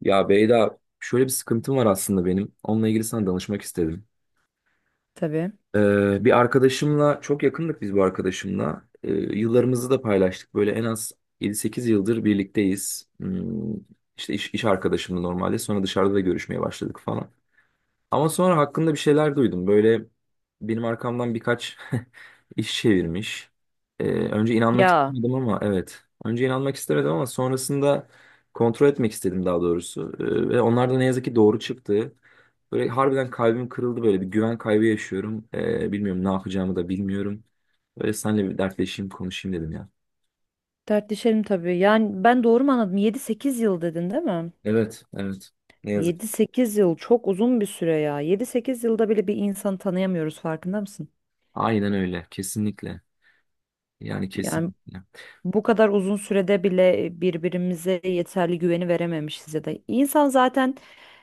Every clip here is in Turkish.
Ya Beyda şöyle bir sıkıntım var aslında benim. Onunla ilgili sana danışmak istedim. Tabii. Bir arkadaşımla çok yakındık biz bu arkadaşımla. Yıllarımızı da paylaştık. Böyle en az yedi sekiz yıldır birlikteyiz. İşte iş arkadaşımdı normalde. Sonra dışarıda da görüşmeye başladık falan. Ama sonra hakkında bir şeyler duydum. Böyle benim arkamdan birkaç iş çevirmiş. Önce inanmak Ya istemedim, ama evet. Önce inanmak istemedim ama sonrasında kontrol etmek istedim, daha doğrusu. Ve onlar da ne yazık ki doğru çıktı. Böyle harbiden kalbim kırıldı, böyle bir güven kaybı yaşıyorum. Bilmiyorum, ne yapacağımı da bilmiyorum. Böyle seninle bir dertleşeyim, konuşayım dedim ya. Dertleşelim tabii. Yani ben doğru mu anladım? Yedi sekiz yıl dedin değil mi? Evet, evet. Ne yazık. Yedi sekiz yıl çok uzun bir süre ya. Yedi sekiz yılda bile bir insanı tanıyamıyoruz farkında mısın? Aynen öyle. Kesinlikle. Yani Yani kesinlikle. bu kadar uzun sürede bile birbirimize yeterli güveni verememişiz ya da insan zaten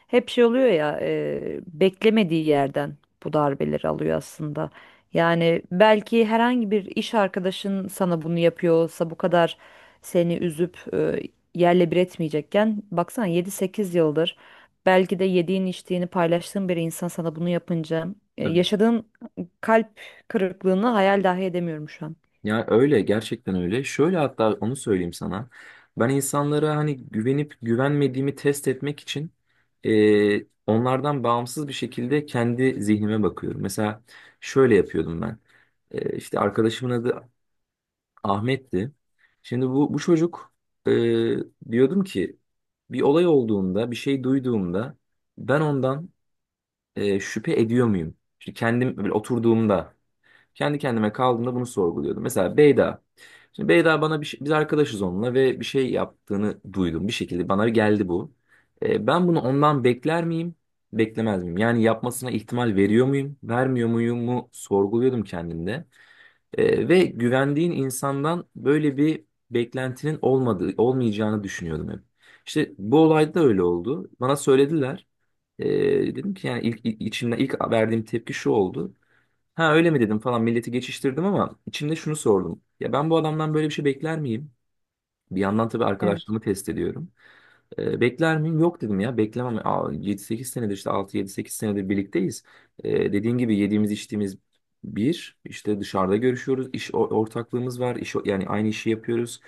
hep şey oluyor ya beklemediği yerden bu darbeleri alıyor aslında. Yani belki herhangi bir iş arkadaşın sana bunu yapıyorsa bu kadar seni üzüp yerle bir etmeyecekken baksana yedi sekiz yıldır belki de yediğin içtiğini paylaştığın bir insan sana bunu yapınca yaşadığın kalp kırıklığını hayal dahi edemiyorum şu an. Ya öyle, gerçekten öyle. Şöyle, hatta onu söyleyeyim sana. Ben insanlara hani güvenip güvenmediğimi test etmek için onlardan bağımsız bir şekilde kendi zihnime bakıyorum. Mesela şöyle yapıyordum ben. İşte arkadaşımın adı Ahmet'ti. Şimdi bu çocuk, e, diyordum ki bir olay olduğunda, bir şey duyduğumda ben ondan şüphe ediyor muyum? İşte kendim böyle oturduğumda. Kendi kendime kaldığımda bunu sorguluyordum. Mesela Beyda. Şimdi Beyda bana biz arkadaşız onunla ve bir şey yaptığını duydum. Bir şekilde bana geldi bu. Ben bunu ondan bekler miyim? Beklemez miyim? Yani yapmasına ihtimal veriyor muyum? Vermiyor muyum mu? Sorguluyordum kendimde. Ve güvendiğin insandan böyle bir beklentinin olmadığı, olmayacağını düşünüyordum hep. İşte bu olayda da öyle oldu. Bana söylediler. E, Dedim ki yani, ilk içimden ilk verdiğim tepki şu oldu. Ha öyle mi dedim falan, milleti geçiştirdim, ama içimde şunu sordum. Ya ben bu adamdan böyle bir şey bekler miyim? Bir yandan tabii Evet. arkadaşlığımı test ediyorum. Bekler miyim? Yok dedim ya. Beklemem. Aa, 7-8 senedir, işte 6-7-8 senedir birlikteyiz. Dediğin gibi yediğimiz içtiğimiz bir, işte dışarıda görüşüyoruz. Ortaklığımız var. Yani aynı işi yapıyoruz.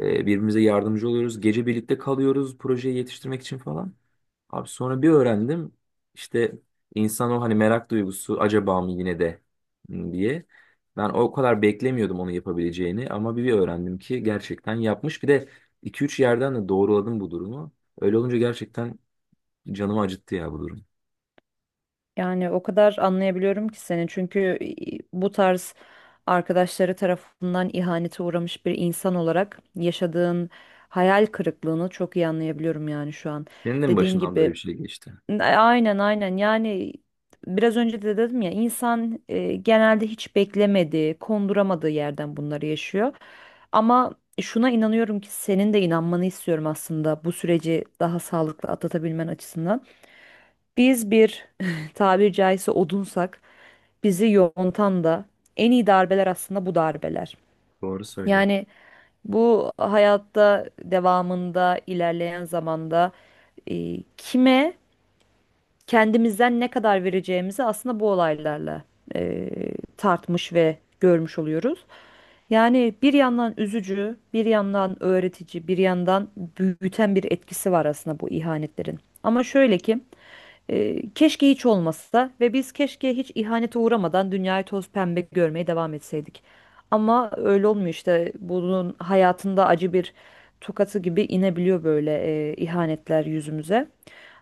Birbirimize yardımcı oluyoruz. Gece birlikte kalıyoruz, projeyi yetiştirmek için falan. Abi sonra bir öğrendim. İşte insan, o hani merak duygusu, acaba mı yine de hmm diye. Ben o kadar beklemiyordum onu yapabileceğini, ama bir öğrendim ki gerçekten yapmış. Bir de 2 üç yerden de doğruladım bu durumu. Öyle olunca gerçekten canımı acıttı ya bu durum. Yani o kadar anlayabiliyorum ki seni çünkü bu tarz arkadaşları tarafından ihanete uğramış bir insan olarak yaşadığın hayal kırıklığını çok iyi anlayabiliyorum yani şu an. Senin de mi Dediğin başından böyle gibi bir şey geçti? Aynen yani biraz önce de dedim ya insan genelde hiç beklemediği, konduramadığı yerden bunları yaşıyor. Ama şuna inanıyorum ki senin de inanmanı istiyorum aslında bu süreci daha sağlıklı atlatabilmen açısından. Biz bir tabiri caizse odunsak bizi yontan da en iyi darbeler aslında bu darbeler. Doğru söylüyorsun. Yani bu hayatta devamında ilerleyen zamanda kime kendimizden ne kadar vereceğimizi aslında bu olaylarla e, tartmış ve görmüş oluyoruz. Yani bir yandan üzücü, bir yandan öğretici, bir yandan büyüten bir etkisi var aslında bu ihanetlerin. Ama şöyle ki keşke hiç olmasa ve biz keşke hiç ihanete uğramadan dünyayı toz pembe görmeye devam etseydik. Ama öyle olmuyor işte. Bunun hayatında acı bir tokatı gibi inebiliyor böyle ihanetler yüzümüze.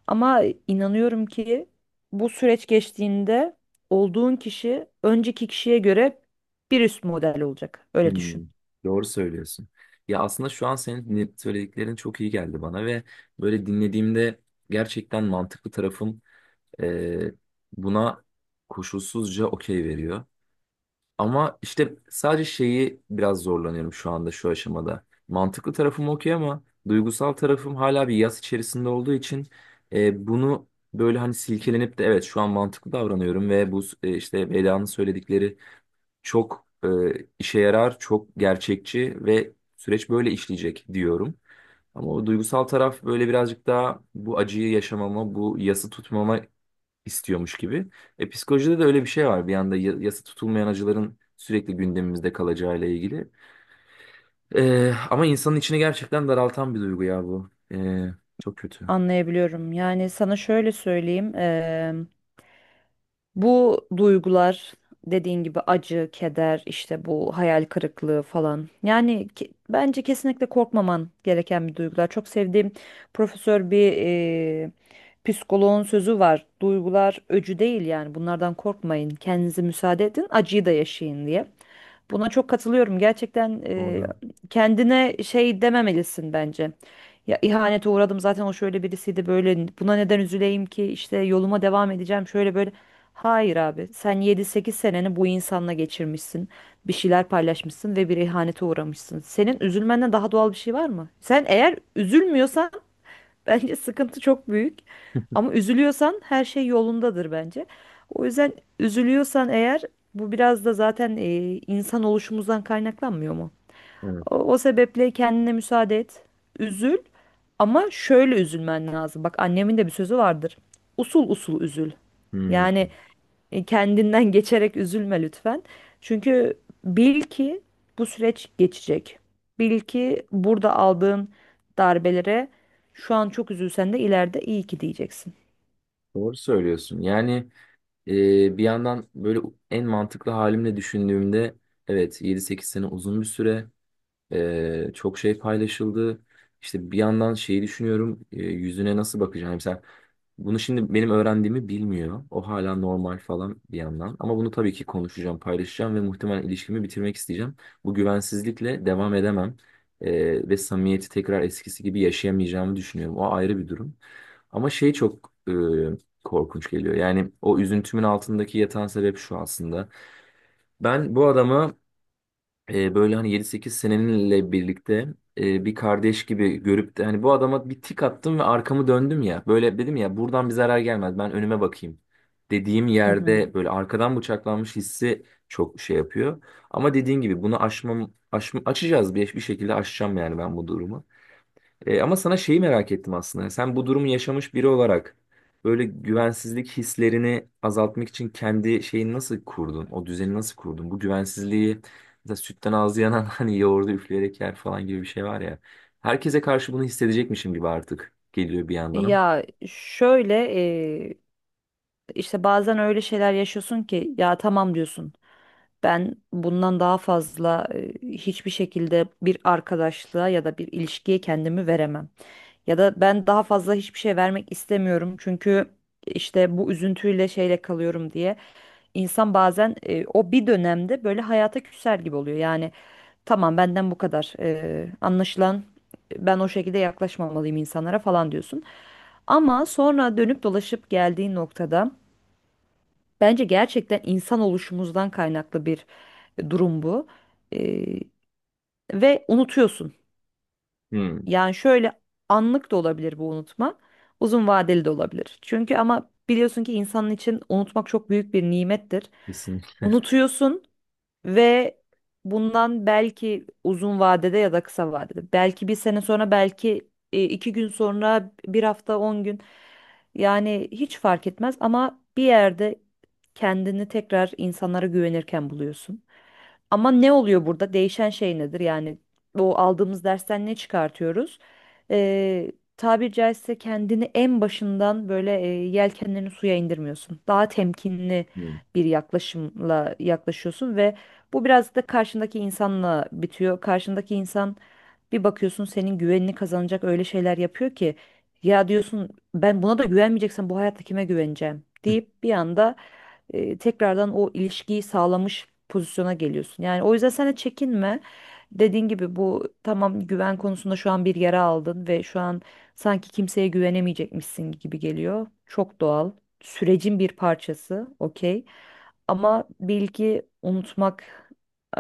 Ama inanıyorum ki bu süreç geçtiğinde olduğun kişi önceki kişiye göre bir üst model olacak. Öyle düşün. Hmm, doğru söylüyorsun. Ya aslında şu an söylediklerin çok iyi geldi bana ve böyle dinlediğimde gerçekten mantıklı tarafım e, buna koşulsuzca okey veriyor. Ama işte sadece şeyi biraz zorlanıyorum şu anda, şu aşamada. Mantıklı tarafım okey, ama duygusal tarafım hala bir yas içerisinde olduğu için bunu böyle hani silkelenip de evet şu an mantıklı davranıyorum ve bu işte Veda'nın söyledikleri çok işe yarar, çok gerçekçi ve süreç böyle işleyecek diyorum. Ama o duygusal taraf böyle birazcık daha bu acıyı yaşamama, bu yası tutmama istiyormuş gibi. Psikolojide de öyle bir şey var. Bir yanda yasa tutulmayan acıların sürekli gündemimizde kalacağıyla ilgili. Ama insanın içini gerçekten daraltan bir duygu ya bu. Çok kötü. Anlayabiliyorum. Yani sana şöyle söyleyeyim. Bu duygular dediğin gibi acı, keder, işte bu hayal kırıklığı falan. Yani bence kesinlikle korkmaman gereken bir duygular. Çok sevdiğim profesör bir psikoloğun sözü var. Duygular öcü değil, yani bunlardan korkmayın. Kendinize müsaade edin, acıyı da yaşayın diye. Buna çok katılıyorum. Gerçekten Doğru. kendine şey dememelisin bence. Ya ihanete uğradım zaten, o şöyle birisiydi, böyle buna neden üzüleyim ki, işte yoluma devam edeceğim şöyle böyle. Hayır abi, sen yedi sekiz seneni bu insanla geçirmişsin. Bir şeyler paylaşmışsın ve bir ihanete uğramışsın. Senin üzülmenden daha doğal bir şey var mı? Sen eğer üzülmüyorsan bence sıkıntı çok büyük. Ama üzülüyorsan her şey yolundadır bence. O yüzden üzülüyorsan eğer bu biraz da zaten insan oluşumuzdan kaynaklanmıyor mu? Evet. O sebeple kendine müsaade et. Üzül ama şöyle üzülmen lazım. Bak annemin de bir sözü vardır. Usul usul üzül. Hmm, Yani kendinden geçerek üzülme lütfen. Çünkü bil ki bu süreç geçecek. Bil ki burada aldığın darbelere şu an çok üzülsen de ileride iyi ki diyeceksin. Doğru söylüyorsun. Yani e, bir yandan böyle en mantıklı halimle düşündüğümde evet, yedi sekiz sene uzun bir süre. Çok şey paylaşıldı. İşte bir yandan şeyi düşünüyorum. Yüzüne nasıl bakacağım? Yani sen, bunu şimdi benim öğrendiğimi bilmiyor. O hala normal falan, bir yandan. Ama bunu tabii ki konuşacağım, paylaşacağım ve muhtemelen ilişkimi bitirmek isteyeceğim. Bu güvensizlikle devam edemem. Ve samimiyeti tekrar eskisi gibi yaşayamayacağımı düşünüyorum. O ayrı bir durum. Ama şey çok korkunç geliyor. Yani o üzüntümün altındaki yatan sebep şu aslında. Ben bu adama böyle hani yedi sekiz seneninle birlikte bir kardeş gibi görüp de, hani bu adama bir tik attım ve arkamı döndüm ya. Böyle dedim ya, buradan bir zarar gelmez, ben önüme bakayım dediğim Hı hı. yerde böyle arkadan bıçaklanmış hissi çok şey yapıyor. Ama dediğin gibi bunu aşmam, aşma, açacağız bir şekilde aşacağım yani ben bu durumu. Ama sana şeyi merak ettim aslında. Sen bu durumu yaşamış biri olarak böyle güvensizlik hislerini azaltmak için kendi şeyini nasıl kurdun? O düzeni nasıl kurdun? Bu güvensizliği mesela sütten ağzı yanan hani yoğurdu üfleyerek yer falan gibi bir şey var ya. Herkese karşı bunu hissedecekmişim gibi artık geliyor, bir yandan ama. Ya şöyle İşte bazen öyle şeyler yaşıyorsun ki ya tamam diyorsun. Ben bundan daha fazla hiçbir şekilde bir arkadaşlığa ya da bir ilişkiye kendimi veremem. Ya da ben daha fazla hiçbir şey vermek istemiyorum, çünkü işte bu üzüntüyle şeyle kalıyorum diye. İnsan bazen o bir dönemde böyle hayata küser gibi oluyor. Yani tamam, benden bu kadar. Anlaşılan ben o şekilde yaklaşmamalıyım insanlara falan diyorsun. Ama sonra dönüp dolaşıp geldiğin noktada bence gerçekten insan oluşumuzdan kaynaklı bir durum bu. Ee, Ve unutuyorsun. Hmm, Yani şöyle, anlık da olabilir bu unutma. Uzun vadeli de olabilir. Çünkü ama biliyorsun ki insanın için unutmak çok büyük bir nimettir. kesinlikle. Unutuyorsun ve bundan belki uzun vadede ya da kısa vadede. Belki bir sene sonra, belki iki gün sonra, bir hafta, on gün. Yani hiç fark etmez ama bir yerde kendini tekrar insanlara güvenirken buluyorsun. Ama ne oluyor burada? Değişen şey nedir? Yani o aldığımız dersten ne çıkartıyoruz? Ee, Tabiri caizse kendini en başından böyle yelkenlerini suya indirmiyorsun. Daha temkinli Hmm. bir yaklaşımla yaklaşıyorsun ve bu biraz da karşındaki insanla bitiyor. Karşındaki insan, bir bakıyorsun senin güvenini kazanacak öyle şeyler yapıyor ki ya diyorsun ben buna da güvenmeyeceksem bu hayatta kime güveneceğim deyip bir anda tekrardan o ilişkiyi sağlamış pozisyona geliyorsun. Yani o yüzden sen de çekinme. Dediğin gibi bu tamam, güven konusunda şu an bir yara aldın ve şu an sanki kimseye güvenemeyecekmişsin gibi geliyor. Çok doğal. Sürecin bir parçası. Okey. Ama bilgi unutmak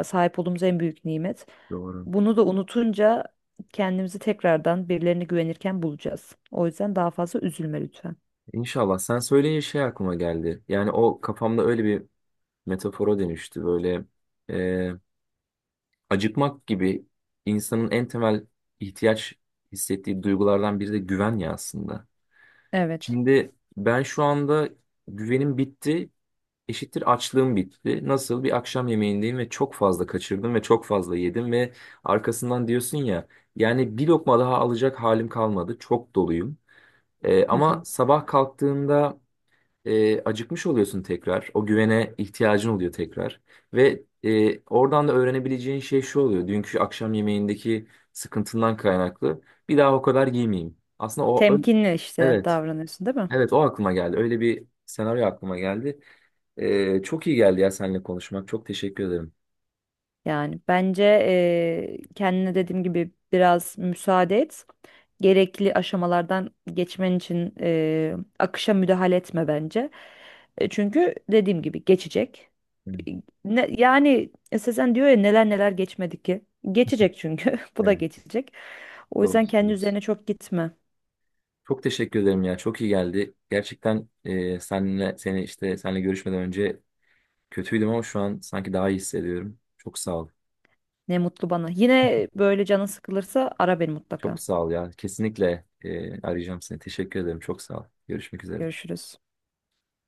sahip olduğumuz en büyük nimet. Doğru. Bunu da unutunca kendimizi tekrardan birilerine güvenirken bulacağız. O yüzden daha fazla üzülme lütfen. İnşallah. Sen söyleyince şey aklıma geldi. Yani o kafamda öyle bir metafora dönüştü. Böyle acıkmak gibi, insanın en temel ihtiyaç hissettiği duygulardan biri de güven ya aslında. Evet. Şimdi ben şu anda güvenim bitti, eşittir açlığım bitti. Nasıl bir akşam yemeğindeyim ve çok fazla kaçırdım ve çok fazla yedim ve arkasından diyorsun ya, yani bir lokma daha alacak halim kalmadı. Çok doluyum. Hı Ama hı. sabah kalktığında acıkmış oluyorsun tekrar. O güvene ihtiyacın oluyor tekrar. Ve oradan da öğrenebileceğin şey şu oluyor. Dünkü akşam yemeğindeki sıkıntından kaynaklı. Bir daha o kadar giymeyeyim. Aslında Temkinli işte evet. davranıyorsun değil mi? Evet, o aklıma geldi. Öyle bir senaryo aklıma geldi. Çok iyi geldi ya seninle konuşmak. Çok teşekkür ederim. Yani bence kendine dediğim gibi biraz müsaade et. Gerekli aşamalardan geçmen için akışa müdahale etme bence. Çünkü dediğim gibi geçecek. Evet, E, Ne, yani Sezen diyor ya neler neler geçmedi ki. Geçecek çünkü. Bu da evet, geçecek. O doğru yüzden kendi söylüyorsun. üzerine çok gitme. Çok teşekkür ederim ya. Çok iyi geldi. Gerçekten seninle seni işte seninle görüşmeden önce kötüydüm ama şu an sanki daha iyi hissediyorum. Çok sağ ol. Ne mutlu bana. Yine böyle canın sıkılırsa ara beni Çok mutlaka. sağ ol ya. Kesinlikle arayacağım seni. Teşekkür ederim. Çok sağ ol. Görüşmek üzere. Görüşürüz.